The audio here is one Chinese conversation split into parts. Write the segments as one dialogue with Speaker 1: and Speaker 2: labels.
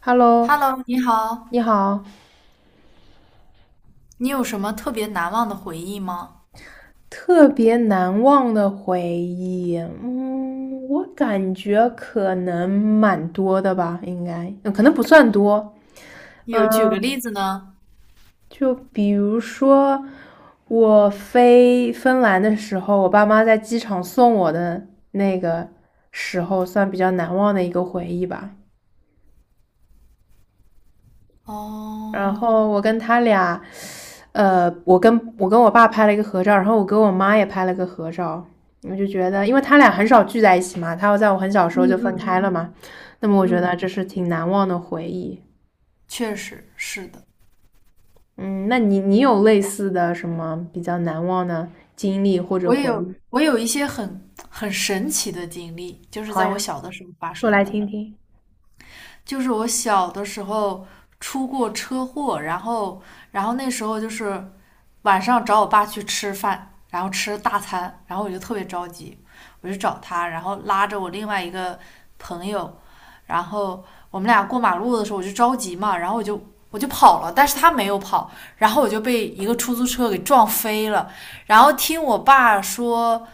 Speaker 1: Hello，
Speaker 2: Hello，你好，
Speaker 1: 你好，
Speaker 2: 你有什么特别难忘的回忆吗？
Speaker 1: 特别难忘的回忆，我感觉可能蛮多的吧，应该，可能不算多，嗯，
Speaker 2: 有举个例子呢？
Speaker 1: 就比如说我飞芬兰的时候，我爸妈在机场送我的那个时候，算比较难忘的一个回忆吧。然
Speaker 2: 哦，
Speaker 1: 后我跟他俩，我跟我爸拍了一个合照，然后我跟我妈也拍了个合照。我就觉得，因为他俩很少聚在一起嘛，他要在我很小时候
Speaker 2: 嗯
Speaker 1: 就分开了
Speaker 2: 嗯
Speaker 1: 嘛，那么我
Speaker 2: 嗯
Speaker 1: 觉得
Speaker 2: 嗯，
Speaker 1: 这是挺难忘的回忆。
Speaker 2: 确实是的，
Speaker 1: 嗯，那你有类似的什么比较难忘的经历或者
Speaker 2: 我
Speaker 1: 回
Speaker 2: 有
Speaker 1: 忆？
Speaker 2: 我有一些很神奇的经历，就是
Speaker 1: 好
Speaker 2: 在我
Speaker 1: 呀，
Speaker 2: 小的时候发
Speaker 1: 说
Speaker 2: 生
Speaker 1: 来
Speaker 2: 的。
Speaker 1: 听听。
Speaker 2: 就是我小的时候出过车祸，然后那时候就是晚上找我爸去吃饭，然后吃大餐，然后我就特别着急，我就找他，然后拉着我另外一个朋友，然后我们俩过马路的时候我就着急嘛，然后我就跑了，但是他没有跑，然后我就被一个出租车给撞飞了，然后听我爸说。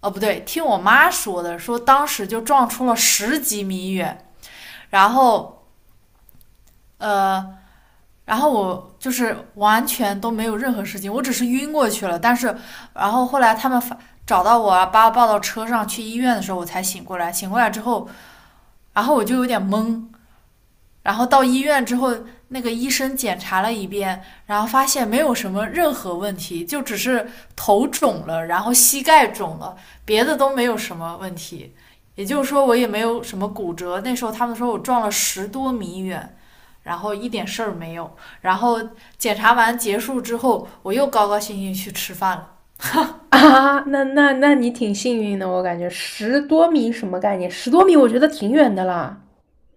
Speaker 2: 哦，不对，听我妈说的，说当时就撞出了10几米远，然后呃，然后我就是完全都没有任何事情，我只是晕过去了。但是，然后后来他们找到我啊，把我抱到车上去医院的时候，我才醒过来。醒过来之后，然后我就有点懵，然后到医院之后，那个医生检查了一遍，然后发现没有什么任何问题，就只是头肿了，然后膝盖肿了，别的都没有什么问题。也就是说，我也没有什么骨折。那时候他们说我撞了10多米远，然后一点事儿没有。然后检查完结束之后，我又高高兴兴去吃饭了。
Speaker 1: 啊，那你挺幸运的，我感觉十多米什么概念？十多米我觉得挺远的啦。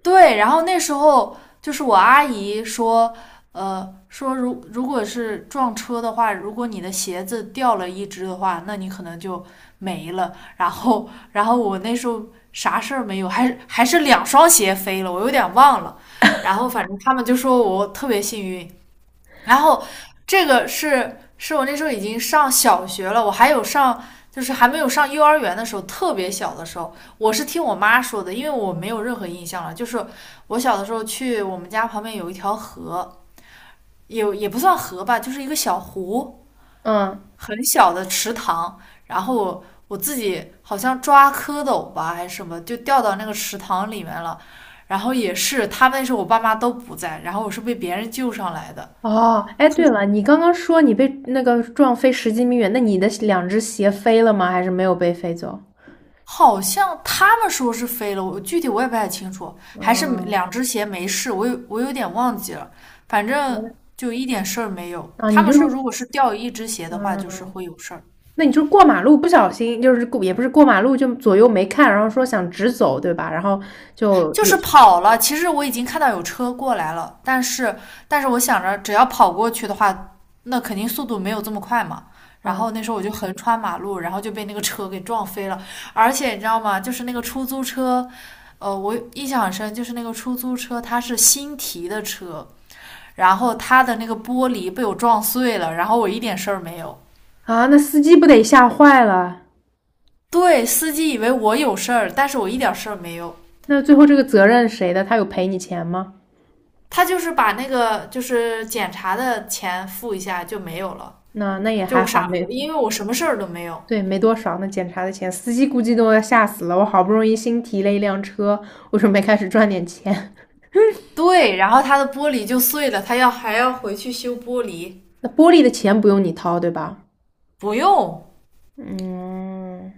Speaker 2: 对，然后那时候就是我阿姨说，说如果是撞车的话，如果你的鞋子掉了一只的话，那你可能就没了。然后我那时候啥事儿没有，还是两双鞋飞了，我有点忘了。然后反正他们就说我特别幸运，然后这个是我那时候已经上小学了，我还有上就是还没有上幼儿园的时候，特别小的时候，我是听我妈说的，因为我没有任何印象了。就是我小的时候去我们家旁边有一条河，也不算河吧，就是一个小湖，
Speaker 1: 嗯，
Speaker 2: 很小的池塘，然后我自己好像抓蝌蚪吧还是什么，就掉到那个池塘里面了。然后也是，他们那时候我爸妈都不在，然后我是被别人救上来的。
Speaker 1: 哦，哎，对了，你刚刚说你被那个撞飞十几米远，那你的两只鞋飞了吗？还是没有被飞走？
Speaker 2: 好像他们说是飞了，我具体我也不太清楚，还是
Speaker 1: 嗯，
Speaker 2: 两只鞋没事，我有点忘记了，反
Speaker 1: 原来
Speaker 2: 正就一点事儿没有。
Speaker 1: 啊，
Speaker 2: 他
Speaker 1: 你
Speaker 2: 们
Speaker 1: 就是，
Speaker 2: 说如果是掉一只鞋
Speaker 1: 嗯，
Speaker 2: 的话，就是会有事儿。
Speaker 1: 那你就是过马路不小心，就是过也不是过马路，就左右没看，然后说想直走，对吧？然后就
Speaker 2: 就是
Speaker 1: 有，
Speaker 2: 跑了。其实我已经看到有车过来了，但是我想着只要跑过去的话，那肯定速度没有这么快嘛。然
Speaker 1: 嗯
Speaker 2: 后那时候我就横穿马路，然后就被那个车给撞飞了。而且你知道吗？就是那个出租车，我印象很深，就是那个出租车它是新提的车，然后它的那个玻璃被我撞碎了，然后我一点事儿没有。
Speaker 1: 啊，那司机不得吓坏了？
Speaker 2: 对，司机以为我有事儿，但是我一点事儿没有。
Speaker 1: 那最后这个责任谁的？他有赔你钱吗？
Speaker 2: 他就是把那个就是检查的钱付一下就没有了，
Speaker 1: 那也还
Speaker 2: 就
Speaker 1: 好，
Speaker 2: 傻，
Speaker 1: 没
Speaker 2: 因为我什么事儿都没有。
Speaker 1: 对，没多少呢，那检查的钱，司机估计都要吓死了。我好不容易新提了一辆车，我准备开始赚点钱。
Speaker 2: 对，然后他的玻璃就碎了，还要回去修玻璃，
Speaker 1: 那玻璃的钱不用你掏，对吧？
Speaker 2: 不用，
Speaker 1: 嗯，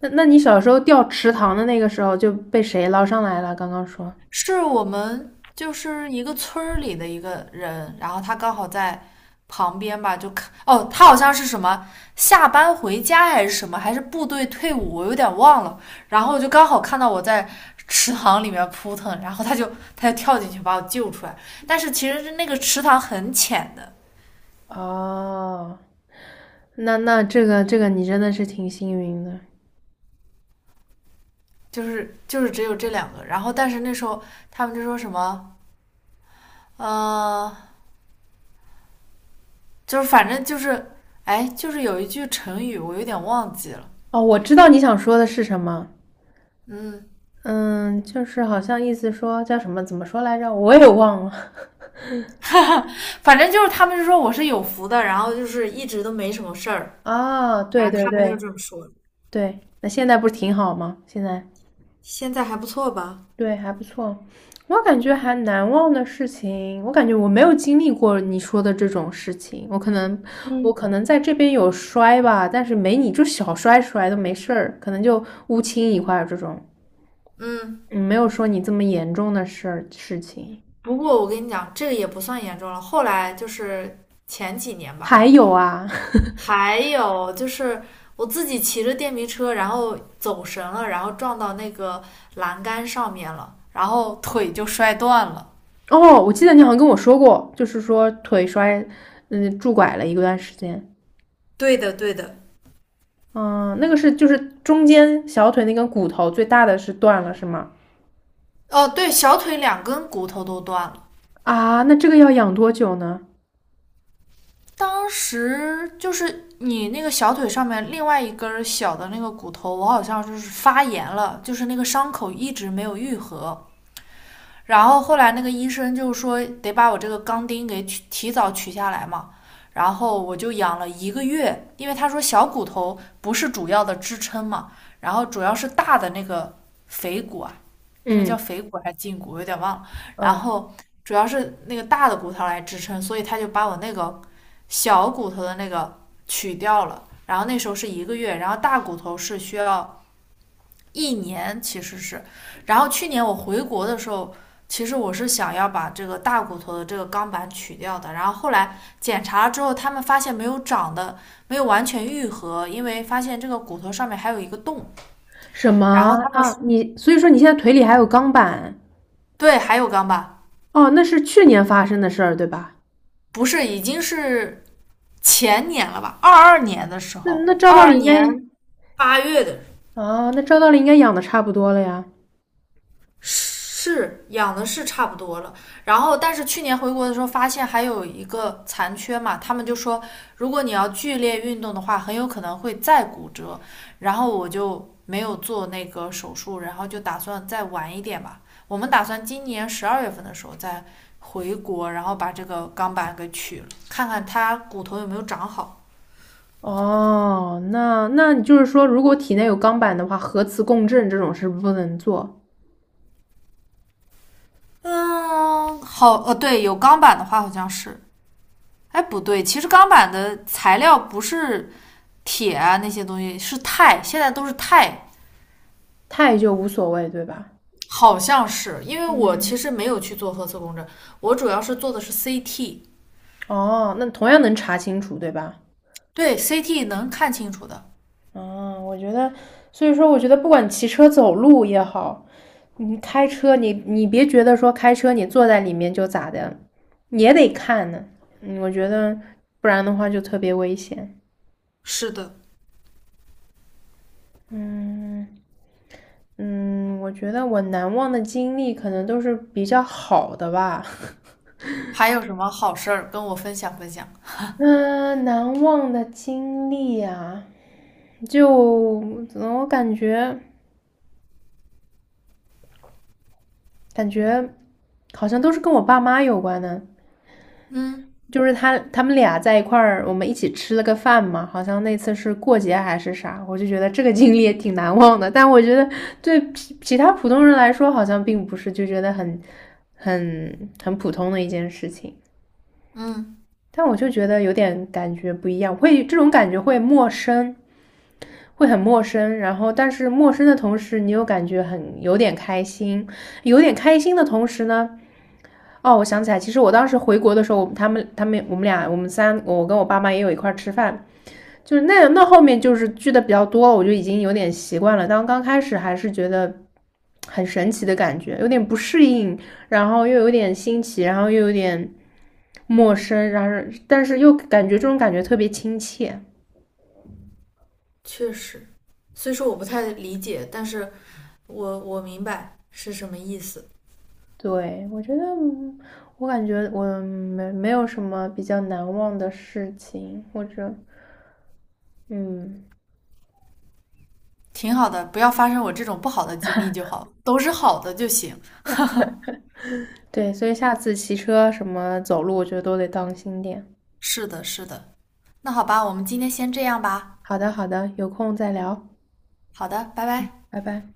Speaker 1: 那那你小时候掉池塘的那个时候就被谁捞上来了？刚刚说
Speaker 2: 是我们就是一个村儿里的一个人，然后他刚好在旁边吧，就看哦，他好像是什么下班回家还是什么，还是部队退伍，我有点忘了。然后就刚好看到我在池塘里面扑腾，然后他就跳进去把我救出来。但是其实是那个池塘很浅的，
Speaker 1: 哦，那那这个你真的是挺幸运的
Speaker 2: 就是只有这两个。然后但是那时候他们就说什么，呃，就是反正就是，哎，就是有一句成语我有点忘记了，
Speaker 1: 哦。我知道你想说的是什么，
Speaker 2: 嗯。
Speaker 1: 嗯，就是好像意思说叫什么，怎么说来着？我也忘了
Speaker 2: 反正就是他们就说我是有福的，然后就是一直都没什么事儿，
Speaker 1: 啊
Speaker 2: 然
Speaker 1: 对
Speaker 2: 后
Speaker 1: 对
Speaker 2: 他们就
Speaker 1: 对
Speaker 2: 这么说的。
Speaker 1: 对，那现在不是挺好吗？现在。
Speaker 2: 现在还不错吧？
Speaker 1: 对，还不错。我感觉还难忘的事情，我感觉我没有经历过你说的这种事情。我可能，我
Speaker 2: 嗯
Speaker 1: 可能在这边有摔吧，但是没你就小摔摔都没事儿，可能就乌青一块儿这种，
Speaker 2: 嗯，
Speaker 1: 嗯，没有说你这么严重的事情。
Speaker 2: 不过我跟你讲，这个也不算严重了。后来就是前几年吧，
Speaker 1: 还有啊，
Speaker 2: 还有就是我自己骑着电瓶车，然后走神了，然后撞到那个栏杆上面了，然后腿就摔断了。
Speaker 1: 哦，我记得你好像跟我说过，就是说腿摔，嗯，拄拐了一段时间。
Speaker 2: 对的对的，
Speaker 1: 嗯，那个是就是中间小腿那根骨头最大的是断了是吗？
Speaker 2: 哦，对，小腿两根骨头都断了。
Speaker 1: 啊，那这个要养多久呢？
Speaker 2: 当时就是你那个小腿上面另外一根小的那个骨头，我好像就是发炎了，就是那个伤口一直没有愈合。然后后来那个医生就说得把我这个钢钉给提早取下来嘛，然后我就养了一个月，因为他说小骨头不是主要的支撑嘛，然后主要是大的那个腓骨啊，那个叫
Speaker 1: 嗯，
Speaker 2: 腓骨还是胫骨，我有点忘了，然
Speaker 1: 嗯，
Speaker 2: 后主要是那个大的骨头来支撑，所以他就把我那个小骨头的那个取掉了，然后那时候是一个月，然后大骨头是需要1年其实是，然后去年我回国的时候，其实我是想要把这个大骨头的这个钢板取掉的，然后后来检查了之后，他们发现没有长的，没有完全愈合，因为发现这个骨头上面还有一个洞，
Speaker 1: 什
Speaker 2: 然
Speaker 1: 么
Speaker 2: 后他们说
Speaker 1: 啊？你所以说你现在腿里还有钢板？
Speaker 2: 对还有钢板，
Speaker 1: 哦，那是去年发生的事儿，对吧？
Speaker 2: 不是已经是前年了吧，二二年的时
Speaker 1: 那
Speaker 2: 候，
Speaker 1: 那照
Speaker 2: 二
Speaker 1: 道理
Speaker 2: 二
Speaker 1: 应该
Speaker 2: 年八月的。
Speaker 1: 啊，那照道理应该养的差不多了呀。
Speaker 2: 是养的是差不多了，然后但是去年回国的时候发现还有一个残缺嘛，他们就说如果你要剧烈运动的话，很有可能会再骨折，然后我就没有做那个手术，然后就打算再晚一点吧。我们打算今年12月份的时候再回国，然后把这个钢板给取了，看看它骨头有没有长好。
Speaker 1: 哦，那那你就是说，如果体内有钢板的话，核磁共振这种是不能做，
Speaker 2: 嗯，好，对，有钢板的话好像是，哎，不对，其实钢板的材料不是铁啊那些东西，是钛，现在都是钛。
Speaker 1: 钛就无所谓，对吧？
Speaker 2: 好像是，因为我其
Speaker 1: 嗯，
Speaker 2: 实没有去做核磁共振，我主要是做的是 CT,
Speaker 1: 哦，那同样能查清楚，对吧？
Speaker 2: 对 CT 能看清楚的。
Speaker 1: 嗯，我觉得，所以说，我觉得不管骑车、走路也好，你开车，你别觉得说开车你坐在里面就咋的，也得看呢。嗯，我觉得不然的话就特别危险。
Speaker 2: 是的，
Speaker 1: 嗯嗯，我觉得我难忘的经历可能都是比较好的吧。
Speaker 2: 还有什么好事儿跟我分享分享？
Speaker 1: 嗯，难忘的经历啊，就我感觉感觉好像都是跟我爸妈有关的。
Speaker 2: 嗯，
Speaker 1: 就是他们俩在一块儿，我们一起吃了个饭嘛，好像那次是过节还是啥，我就觉得这个经历也挺难忘的。但我觉得对其他普通人来说，好像并不是就觉得很很普通的一件事情。
Speaker 2: 嗯，
Speaker 1: 但我就觉得有点感觉不一样，会这种感觉会陌生，会很陌生。然后，但是陌生的同时，你又感觉很有点开心，有点开心的同时呢，哦，我想起来，其实我当时回国的时候，他们他们我们俩我们三，我跟我爸妈也有一块吃饭，就是那后面就是聚的比较多，我就已经有点习惯了。当刚开始还是觉得很神奇的感觉，有点不适应，然后又有点新奇，然后又有点陌生，然后但是又感觉这种感觉特别亲切。
Speaker 2: 确实，虽说我不太理解，但是我明白是什么意思。
Speaker 1: 对，我觉得嗯我感觉我没有什么比较难忘的事情，或者嗯，
Speaker 2: 挺好的，不要发生我这种不好的经历就好，都是好的就行。
Speaker 1: 对，所以下次骑车什么走路，我觉得都得当心点。
Speaker 2: 是的，是的。那好吧，我们今天先这样吧。
Speaker 1: 好的，好的，有空再聊，
Speaker 2: 好的，拜拜。
Speaker 1: 拜拜。